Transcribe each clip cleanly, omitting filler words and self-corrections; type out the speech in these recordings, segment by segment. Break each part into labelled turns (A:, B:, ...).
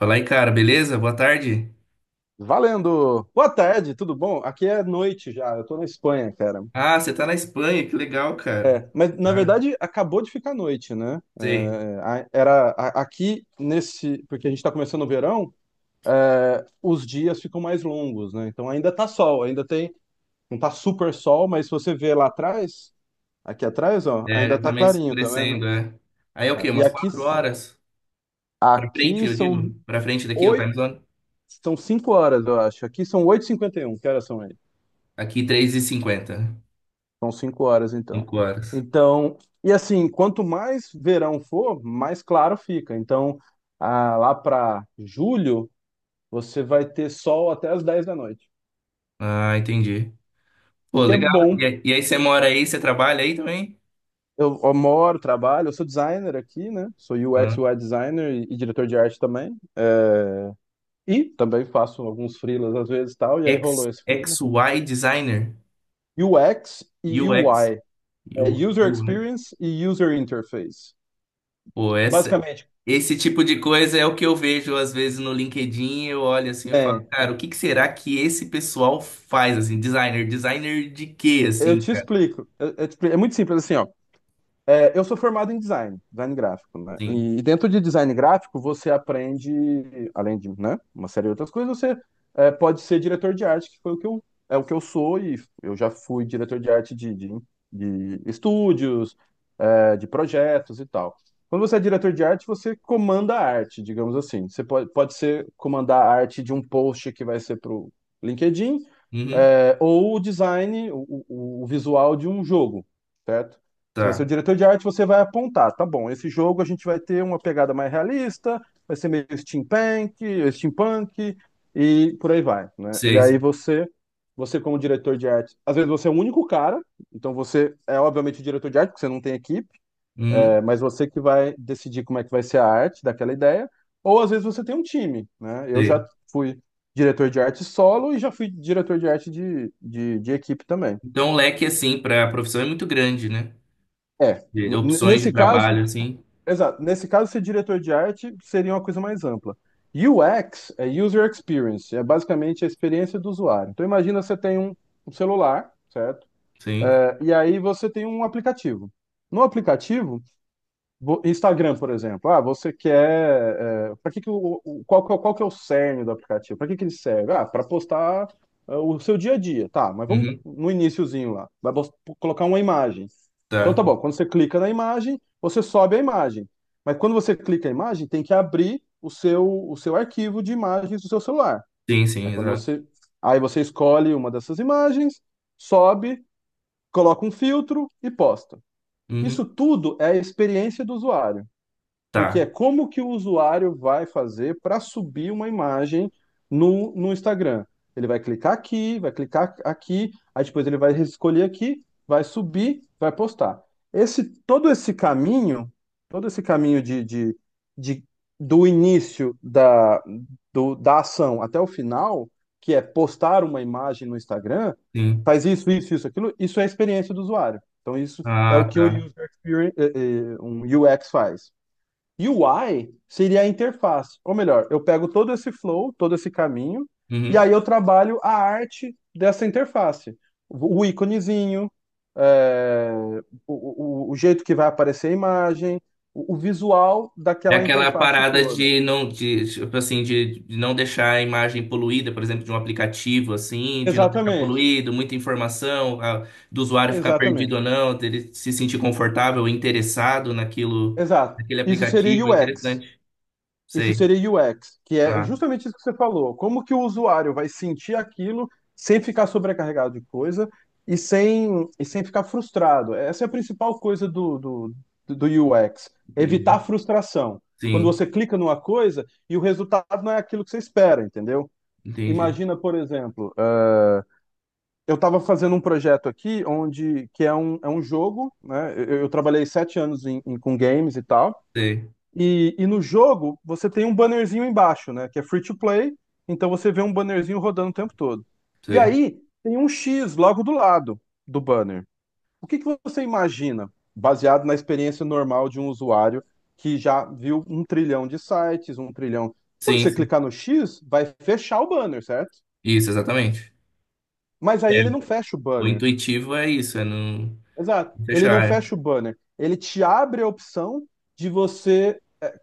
A: Fala aí, cara, beleza? Boa tarde.
B: Valendo! Boa tarde, tudo bom? Aqui é noite já, eu tô na Espanha, cara.
A: Ah, você tá na Espanha, que legal, cara.
B: Mas na
A: Ah,
B: verdade acabou de ficar noite, né?
A: sei.
B: Aqui nesse, porque a gente tá começando o verão, os dias ficam mais longos, né? Então ainda tá sol, ainda tem, não tá super sol, mas se você vê lá atrás, aqui atrás, ó,
A: É,
B: ainda
A: já tá
B: tá
A: meio
B: clarinho, tá vendo?
A: escurecendo, é. Aí é o
B: É,
A: quê?
B: e
A: Umas
B: aqui,
A: quatro horas? Pra frente,
B: aqui
A: eu
B: são
A: digo? Pra frente daqui, o time
B: oito,
A: zone?
B: são cinco horas, eu acho. Aqui são 8h51, que horas são aí?
A: Aqui, três e cinquenta.
B: São cinco horas, então.
A: Cinco horas.
B: Então, e assim, quanto mais verão for, mais claro fica. Então, ah, lá para julho, você vai ter sol até as 10 da noite,
A: Ah, entendi.
B: o
A: Pô,
B: que é
A: legal. E
B: bom.
A: aí e aí você mora aí, você trabalha aí também?
B: Eu moro, trabalho, eu sou designer aqui, né? Sou
A: Ah.
B: UX, UI designer e diretor de arte também. E também faço alguns freelas às vezes e tal, e aí
A: X,
B: rolou esse freela.
A: X Y Designer.
B: UX e
A: UX.
B: UI, é
A: U,
B: User
A: U, né?
B: Experience e User Interface.
A: Pô, essa,
B: Basicamente,
A: Esse tipo de coisa é o que eu vejo às vezes no LinkedIn. Eu olho assim e falo,
B: é,
A: cara, o que que será que esse pessoal faz assim? Designer, designer de quê
B: eu
A: assim,
B: te
A: cara?
B: explico. É muito simples assim, ó. Eu sou formado em design, design gráfico, né?
A: Sim.
B: E dentro de design gráfico, você aprende, além de, né, uma série de outras coisas, pode ser diretor de arte, que foi o que eu, é o que eu sou, e eu já fui diretor de arte de estúdios, de projetos e tal. Quando você é diretor de arte, você comanda a arte, digamos assim. Pode ser comandar a arte de um post que vai ser para o LinkedIn,
A: Uhum.
B: ou o design, o visual de um jogo, certo? Você vai ser o
A: Tá.
B: diretor de arte, você vai apontar, tá bom, esse jogo a gente vai ter uma pegada mais realista, vai ser meio steampunk e por aí vai, né?
A: Sei. sei.
B: Você, como diretor de arte, às vezes você é o único cara, então você é obviamente o diretor de arte, porque você não tem equipe,
A: Uhum.
B: mas você que vai decidir como é que vai ser a arte daquela ideia, ou às vezes você tem um time, né? Eu
A: Sei.
B: já fui diretor de arte solo e já fui diretor de arte de equipe também.
A: Então o leque assim para a profissão é muito grande, né?
B: É,
A: De
B: n-
A: opções de
B: nesse caso,
A: trabalho assim.
B: Exato. Nesse caso, ser diretor de arte seria uma coisa mais ampla. UX é User Experience, é basicamente a experiência do usuário. Então, imagina um celular, certo?
A: Sim.
B: E aí você tem um aplicativo. No aplicativo, Instagram, por exemplo, ah, você quer, para que que que é qual que é o cerne do aplicativo? Para que que ele serve? Ah, para postar ah, o seu dia a dia, tá? Mas vamos
A: Uhum.
B: no iniciozinho lá, colocar uma imagem. Então
A: Tá.
B: tá bom, quando você clica na imagem, você sobe a imagem. Mas quando você clica a imagem, tem que abrir o seu arquivo de imagens do seu celular.
A: Sim,
B: Aí
A: sim,
B: quando
A: exato.
B: você, Aí você escolhe uma dessas imagens, sobe, coloca um filtro e posta. Isso
A: Uhum.
B: tudo é a experiência do usuário.
A: Tá.
B: Porque é como que o usuário vai fazer para subir uma imagem no Instagram. Ele vai clicar aqui, aí depois ele vai escolher aqui, vai subir, vai postar. Todo esse caminho, todo esse caminho de- do início da, do- da ação até o final, que é postar uma imagem no Instagram,
A: Sim.
B: faz isso, isso, isso, aquilo, isso é a experiência do usuário. Então, isso é o
A: Ah,
B: que um
A: tá.
B: user experience, um UX faz. UI seria a interface, ou melhor, eu pego todo esse flow, todo esse caminho, e
A: Uhum.
B: aí eu trabalho a arte dessa interface. O íconezinho, é, o jeito que vai aparecer a imagem, o visual
A: É
B: daquela
A: aquela
B: interface
A: parada
B: toda.
A: de não, de, tipo assim, de não deixar a imagem poluída, por exemplo, de um aplicativo, assim, de não deixar
B: Exatamente,
A: poluído, muita informação, do usuário ficar perdido
B: exatamente,
A: ou não, dele se sentir confortável, interessado naquilo,
B: exato.
A: naquele
B: Isso seria
A: aplicativo, é
B: UX.
A: interessante.
B: Isso
A: Sei,
B: seria UX, que é
A: tá,
B: justamente isso que você falou. Como que o usuário vai sentir aquilo sem ficar sobrecarregado de coisa e sem ficar frustrado? Essa é a principal coisa do UX,
A: entendi.
B: evitar frustração. Quando
A: Sim,
B: você clica numa coisa e o resultado não é aquilo que você espera, entendeu?
A: entendi.
B: Imagina, por exemplo, eu estava fazendo um projeto aqui onde que é é um jogo, né? Eu trabalhei 7 anos com games e tal.
A: Sei,
B: No jogo, você tem um bannerzinho embaixo, né? Que é free to play, então você vê um bannerzinho rodando o tempo todo. E
A: sei.
B: aí tem um X logo do lado do banner. O que que você imagina, baseado na experiência normal de um usuário que já viu um trilhão de sites, um trilhão. Quando
A: Sim,
B: você
A: sim.
B: clicar no X, vai fechar o banner, certo?
A: Isso, exatamente.
B: Mas aí
A: É,
B: ele não fecha o
A: o
B: banner.
A: intuitivo é isso, é não
B: Exato. Ele não
A: fechar.
B: fecha o banner. Ele te abre a opção de você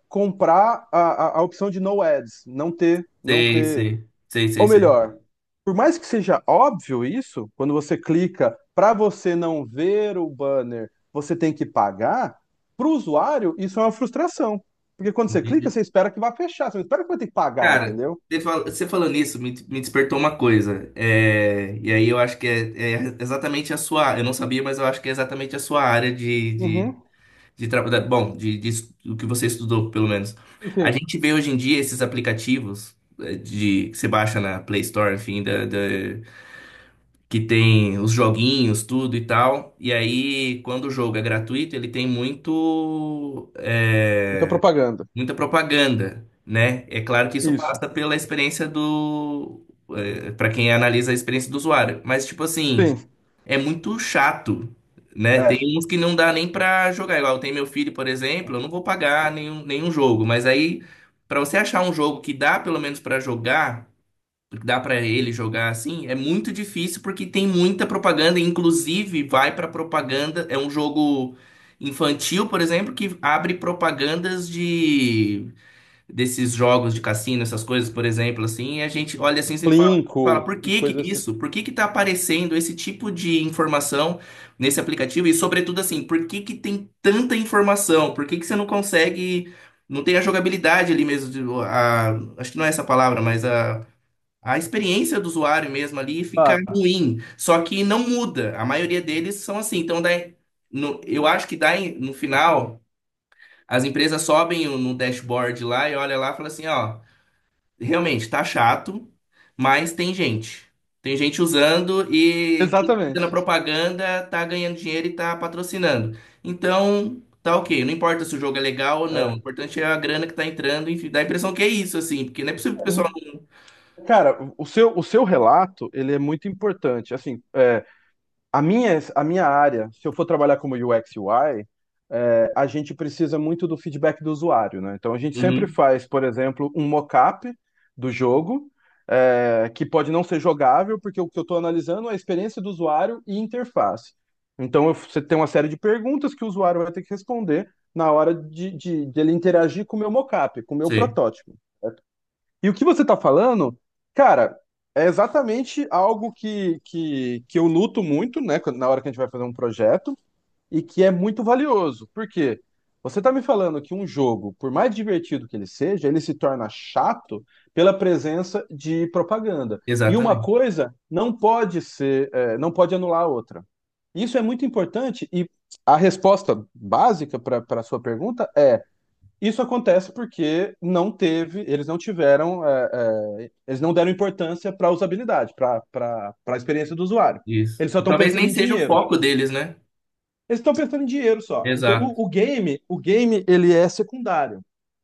B: comprar a opção de no ads, não ter, não
A: Sei,
B: ter.
A: sei, sei,
B: Ou
A: sei, sei.
B: melhor, por mais que seja óbvio isso, quando você clica para você não ver o banner, você tem que pagar, para o usuário isso é uma frustração. Porque quando você clica,
A: Entendi.
B: você espera que vai fechar, você espera que vai ter que pagar,
A: Cara,
B: entendeu?
A: você falando isso me despertou uma coisa. É, e aí eu acho que é, é exatamente a sua. Eu não sabia, mas eu acho que é exatamente a sua área
B: Uhum.
A: de trabalho. Bom, do que você estudou, pelo menos.
B: Sim,
A: A
B: sim.
A: gente vê hoje em dia esses aplicativos é, de, que você baixa na Play Store, enfim, que tem os joguinhos, tudo e tal. E aí, quando o jogo é gratuito, ele tem muito.
B: Muita
A: É,
B: propaganda.
A: muita propaganda, né? É claro que isso
B: Isso.
A: passa pela experiência do, para quem analisa a experiência do usuário, mas tipo assim,
B: Sim.
A: é muito chato, né? Tem
B: É.
A: uns que não dá nem pra jogar, igual tem meu filho, por exemplo, eu não vou pagar nenhum jogo, mas aí pra você achar um jogo que dá pelo menos pra jogar dá pra ele jogar assim, é muito difícil porque tem muita propaganda, inclusive vai pra propaganda, é um jogo infantil, por exemplo, que abre propagandas de desses jogos de cassino, essas coisas, por exemplo, assim, e a gente olha assim e fala Fala,
B: Linko
A: por
B: e
A: que
B: coisa
A: que
B: assim.
A: isso? Por que que tá aparecendo esse tipo de informação nesse aplicativo? E sobretudo assim, por que que tem tanta informação? Por que que você não consegue, não tem a jogabilidade ali mesmo, a, acho que não é essa palavra, mas a experiência do usuário mesmo ali fica
B: Ah,
A: ruim, só que não muda. A maioria deles são assim. Então, daí, eu acho que daí, no final, as empresas sobem no dashboard lá e olha lá e fala assim, ó, realmente tá chato, mas tem gente. Tem gente usando e quem tá fazendo a
B: exatamente.
A: propaganda tá ganhando dinheiro e tá patrocinando. Então, tá ok. Não importa se o jogo é legal ou não. O
B: É.
A: importante é a grana que tá entrando, enfim, dá a impressão que é isso, assim, porque não é possível que o pessoal não.
B: Cara, o seu relato, ele é muito importante. Assim, a minha área, se eu for trabalhar como UX UI, a gente precisa muito do feedback do usuário, né? Então, a gente sempre
A: Uhum,
B: faz, por exemplo, um mockup do jogo, que pode não ser jogável, porque o que eu estou analisando é a experiência do usuário e interface. Então, você tem uma série de perguntas que o usuário vai ter que responder na hora dele interagir com o meu mockup, com o meu
A: sim,
B: protótipo. E o que você tá falando, cara, é exatamente algo que eu luto muito, né, na hora que a gente vai fazer um projeto, e que é muito valioso. Por quê? Você tá me falando que um jogo, por mais divertido que ele seja, ele se torna chato pela presença de propaganda. E uma
A: exatamente.
B: coisa não pode ser, não pode anular a outra. Isso é muito importante, e a resposta básica para a sua pergunta é. Isso acontece porque não teve, eles não tiveram, eles não deram importância para a usabilidade, para a experiência do usuário.
A: Isso.
B: Eles só estão
A: Talvez nem
B: pensando em
A: seja o
B: dinheiro.
A: foco deles, né?
B: Eles estão pensando em dinheiro só. Então,
A: Exato.
B: o game, ele é secundário.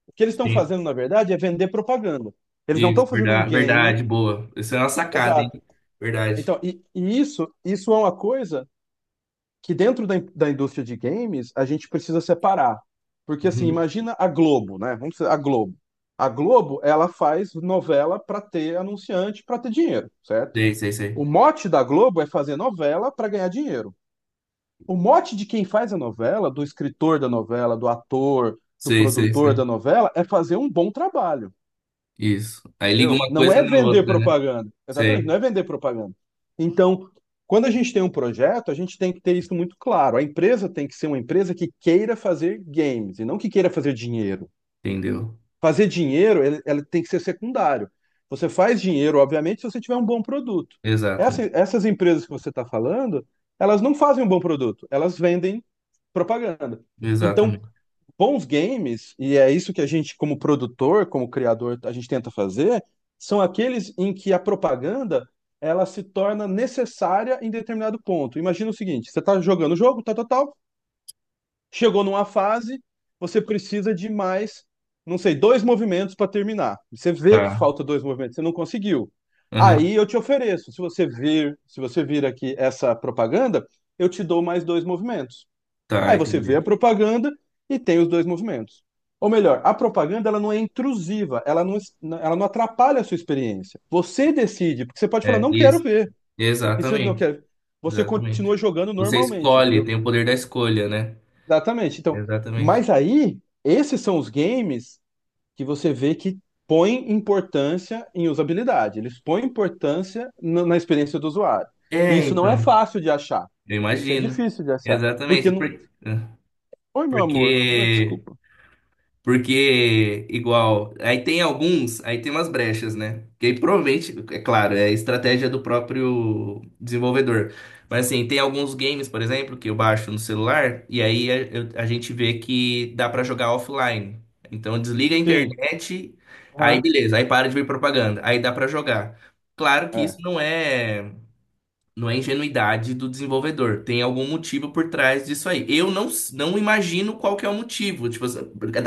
B: O que eles estão
A: Sim.
B: fazendo, na verdade, é vender propaganda. Eles não
A: Isso,
B: estão fazendo um
A: verdade,
B: game.
A: verdade, boa. Isso é uma sacada, hein?
B: Exato.
A: Verdade.
B: Então, isso é uma coisa que dentro da, da indústria de games a gente precisa separar. Porque assim,
A: Uhum.
B: imagina a Globo, né? Vamos dizer, a Globo. A Globo, ela faz novela para ter anunciante, para ter dinheiro, certo?
A: Sei, sei,
B: O
A: sei.
B: mote da Globo é fazer novela para ganhar dinheiro. O mote de quem faz a novela, do escritor da novela, do ator, do
A: Sei, sei,
B: produtor
A: sei.
B: da novela, é fazer um bom trabalho.
A: Isso. Aí liga
B: Entendeu?
A: uma
B: Não
A: coisa
B: é
A: na
B: vender
A: outra, né?
B: propaganda. Exatamente, não
A: Sei.
B: é vender propaganda. Então, quando a gente tem um projeto, a gente tem que ter isso muito claro. A empresa tem que ser uma empresa que queira fazer games e não que queira fazer dinheiro.
A: Entendeu?
B: Fazer dinheiro, ela tem que ser secundário. Você faz dinheiro, obviamente, se você tiver um bom produto.
A: Exatamente.
B: Essas empresas que você está falando, elas não fazem um bom produto, elas vendem propaganda. Então,
A: Exatamente.
B: bons games, e é isso que a gente, como produtor, como criador, a gente tenta fazer, são aqueles em que a propaganda ela se torna necessária em determinado ponto. Imagina o seguinte: você está jogando o jogo, tal, tal, tal, chegou numa fase, você precisa de mais, não sei, dois movimentos para terminar. Você vê que
A: Tá.
B: falta dois movimentos, você não conseguiu.
A: Aham.
B: Aí eu te ofereço, se você vir aqui essa propaganda, eu te dou mais dois movimentos.
A: Tá,
B: Aí você vê
A: entendi.
B: a propaganda e tem os dois movimentos. Ou melhor, a propaganda ela não é intrusiva, ela não atrapalha a sua experiência. Você decide, porque você pode falar,
A: É,
B: não quero
A: isso.
B: ver. E se eu não
A: Exatamente.
B: quero, você continua
A: Exatamente.
B: jogando
A: Você
B: normalmente,
A: escolhe,
B: entendeu?
A: tem o poder da escolha, né?
B: Exatamente. Então,
A: Exatamente.
B: mas aí, esses são os games que você vê que põem importância em usabilidade. Eles põem importância na na experiência do usuário. E
A: É,
B: isso não é
A: então.
B: fácil de achar.
A: Eu
B: Isso é
A: imagino.
B: difícil de achar. Porque
A: Exatamente.
B: não.
A: É,
B: Oi, meu amor. Oi,
A: Porque
B: desculpa.
A: Porque, igual, aí tem alguns, aí tem umas brechas, né? Que aí provavelmente, é claro, é estratégia do próprio desenvolvedor. Mas assim, tem alguns games, por exemplo, que eu baixo no celular, e aí a, a gente vê que dá pra jogar offline. Então desliga a
B: Sim.
A: internet, aí
B: Aham.
A: beleza, aí para de ver propaganda, aí dá pra jogar. Claro que isso
B: É.
A: não é. Não é ingenuidade do desenvolvedor. Tem algum motivo por trás disso aí. Eu não, s- não imagino qual que é o motivo. Tipo, assim,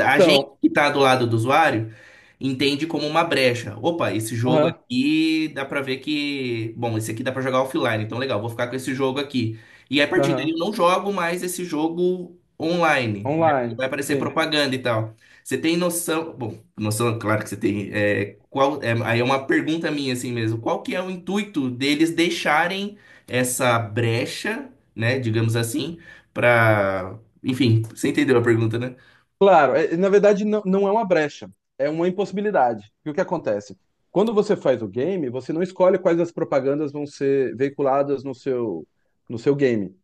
A: a gente
B: Então,
A: que tá do lado do usuário entende como uma brecha. Opa, esse jogo
B: aham,
A: aqui dá pra ver que. Bom, esse aqui dá pra jogar offline, então legal, vou ficar com esse jogo aqui. E a partir daí eu
B: aham.
A: não jogo mais esse jogo online, né? Porque
B: Online,
A: vai aparecer
B: sim.
A: propaganda e tal. Você tem noção? Bom, noção, claro que você tem. É, qual, é, aí é uma pergunta minha assim mesmo. Qual que é o intuito deles deixarem essa brecha, né, digamos assim, para, enfim, você entendeu a pergunta, né?
B: Claro, na verdade não, não é uma brecha, é uma impossibilidade. E o que acontece? Quando você faz o game, você não escolhe quais as propagandas vão ser veiculadas no seu game.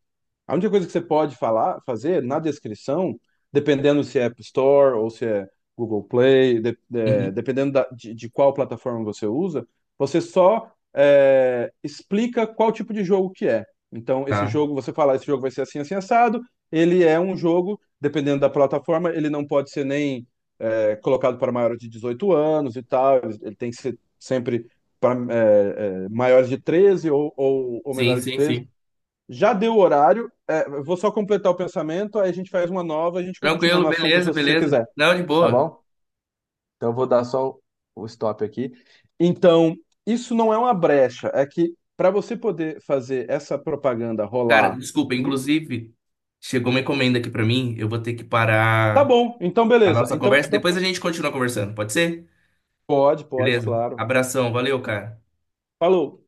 B: A única coisa que você pode falar, fazer na descrição, dependendo se é App Store ou se é Google Play,
A: Uhum,
B: dependendo de qual plataforma você usa, você só explica qual tipo de jogo que é. Então, esse
A: tá.
B: jogo, você fala, esse jogo vai ser assim, assim, assado. Ele é um jogo, dependendo da plataforma, ele não pode ser nem colocado para maiores de 18 anos e tal. Ele tem que ser sempre para maiores de 13 ou
A: Sim,
B: menores de
A: sim,
B: 13.
A: sim.
B: Já deu o horário. É, eu vou só completar o pensamento, aí a gente faz uma nova, a gente continua
A: Tranquilo,
B: no assunto se
A: beleza,
B: você
A: beleza.
B: quiser,
A: Não, de
B: tá
A: boa.
B: bom? Então eu vou dar só o stop aqui. Então, isso não é uma brecha, é que para você poder fazer essa propaganda
A: Cara,
B: rolar,
A: desculpa,
B: no-
A: inclusive, chegou uma encomenda aqui pra mim, eu vou ter que
B: tá
A: parar
B: bom, então
A: a
B: beleza.
A: nossa
B: Então,
A: conversa,
B: então
A: depois a gente continua conversando, pode ser?
B: pode, pode,
A: Beleza?
B: claro.
A: Abração, valeu, cara.
B: Falou.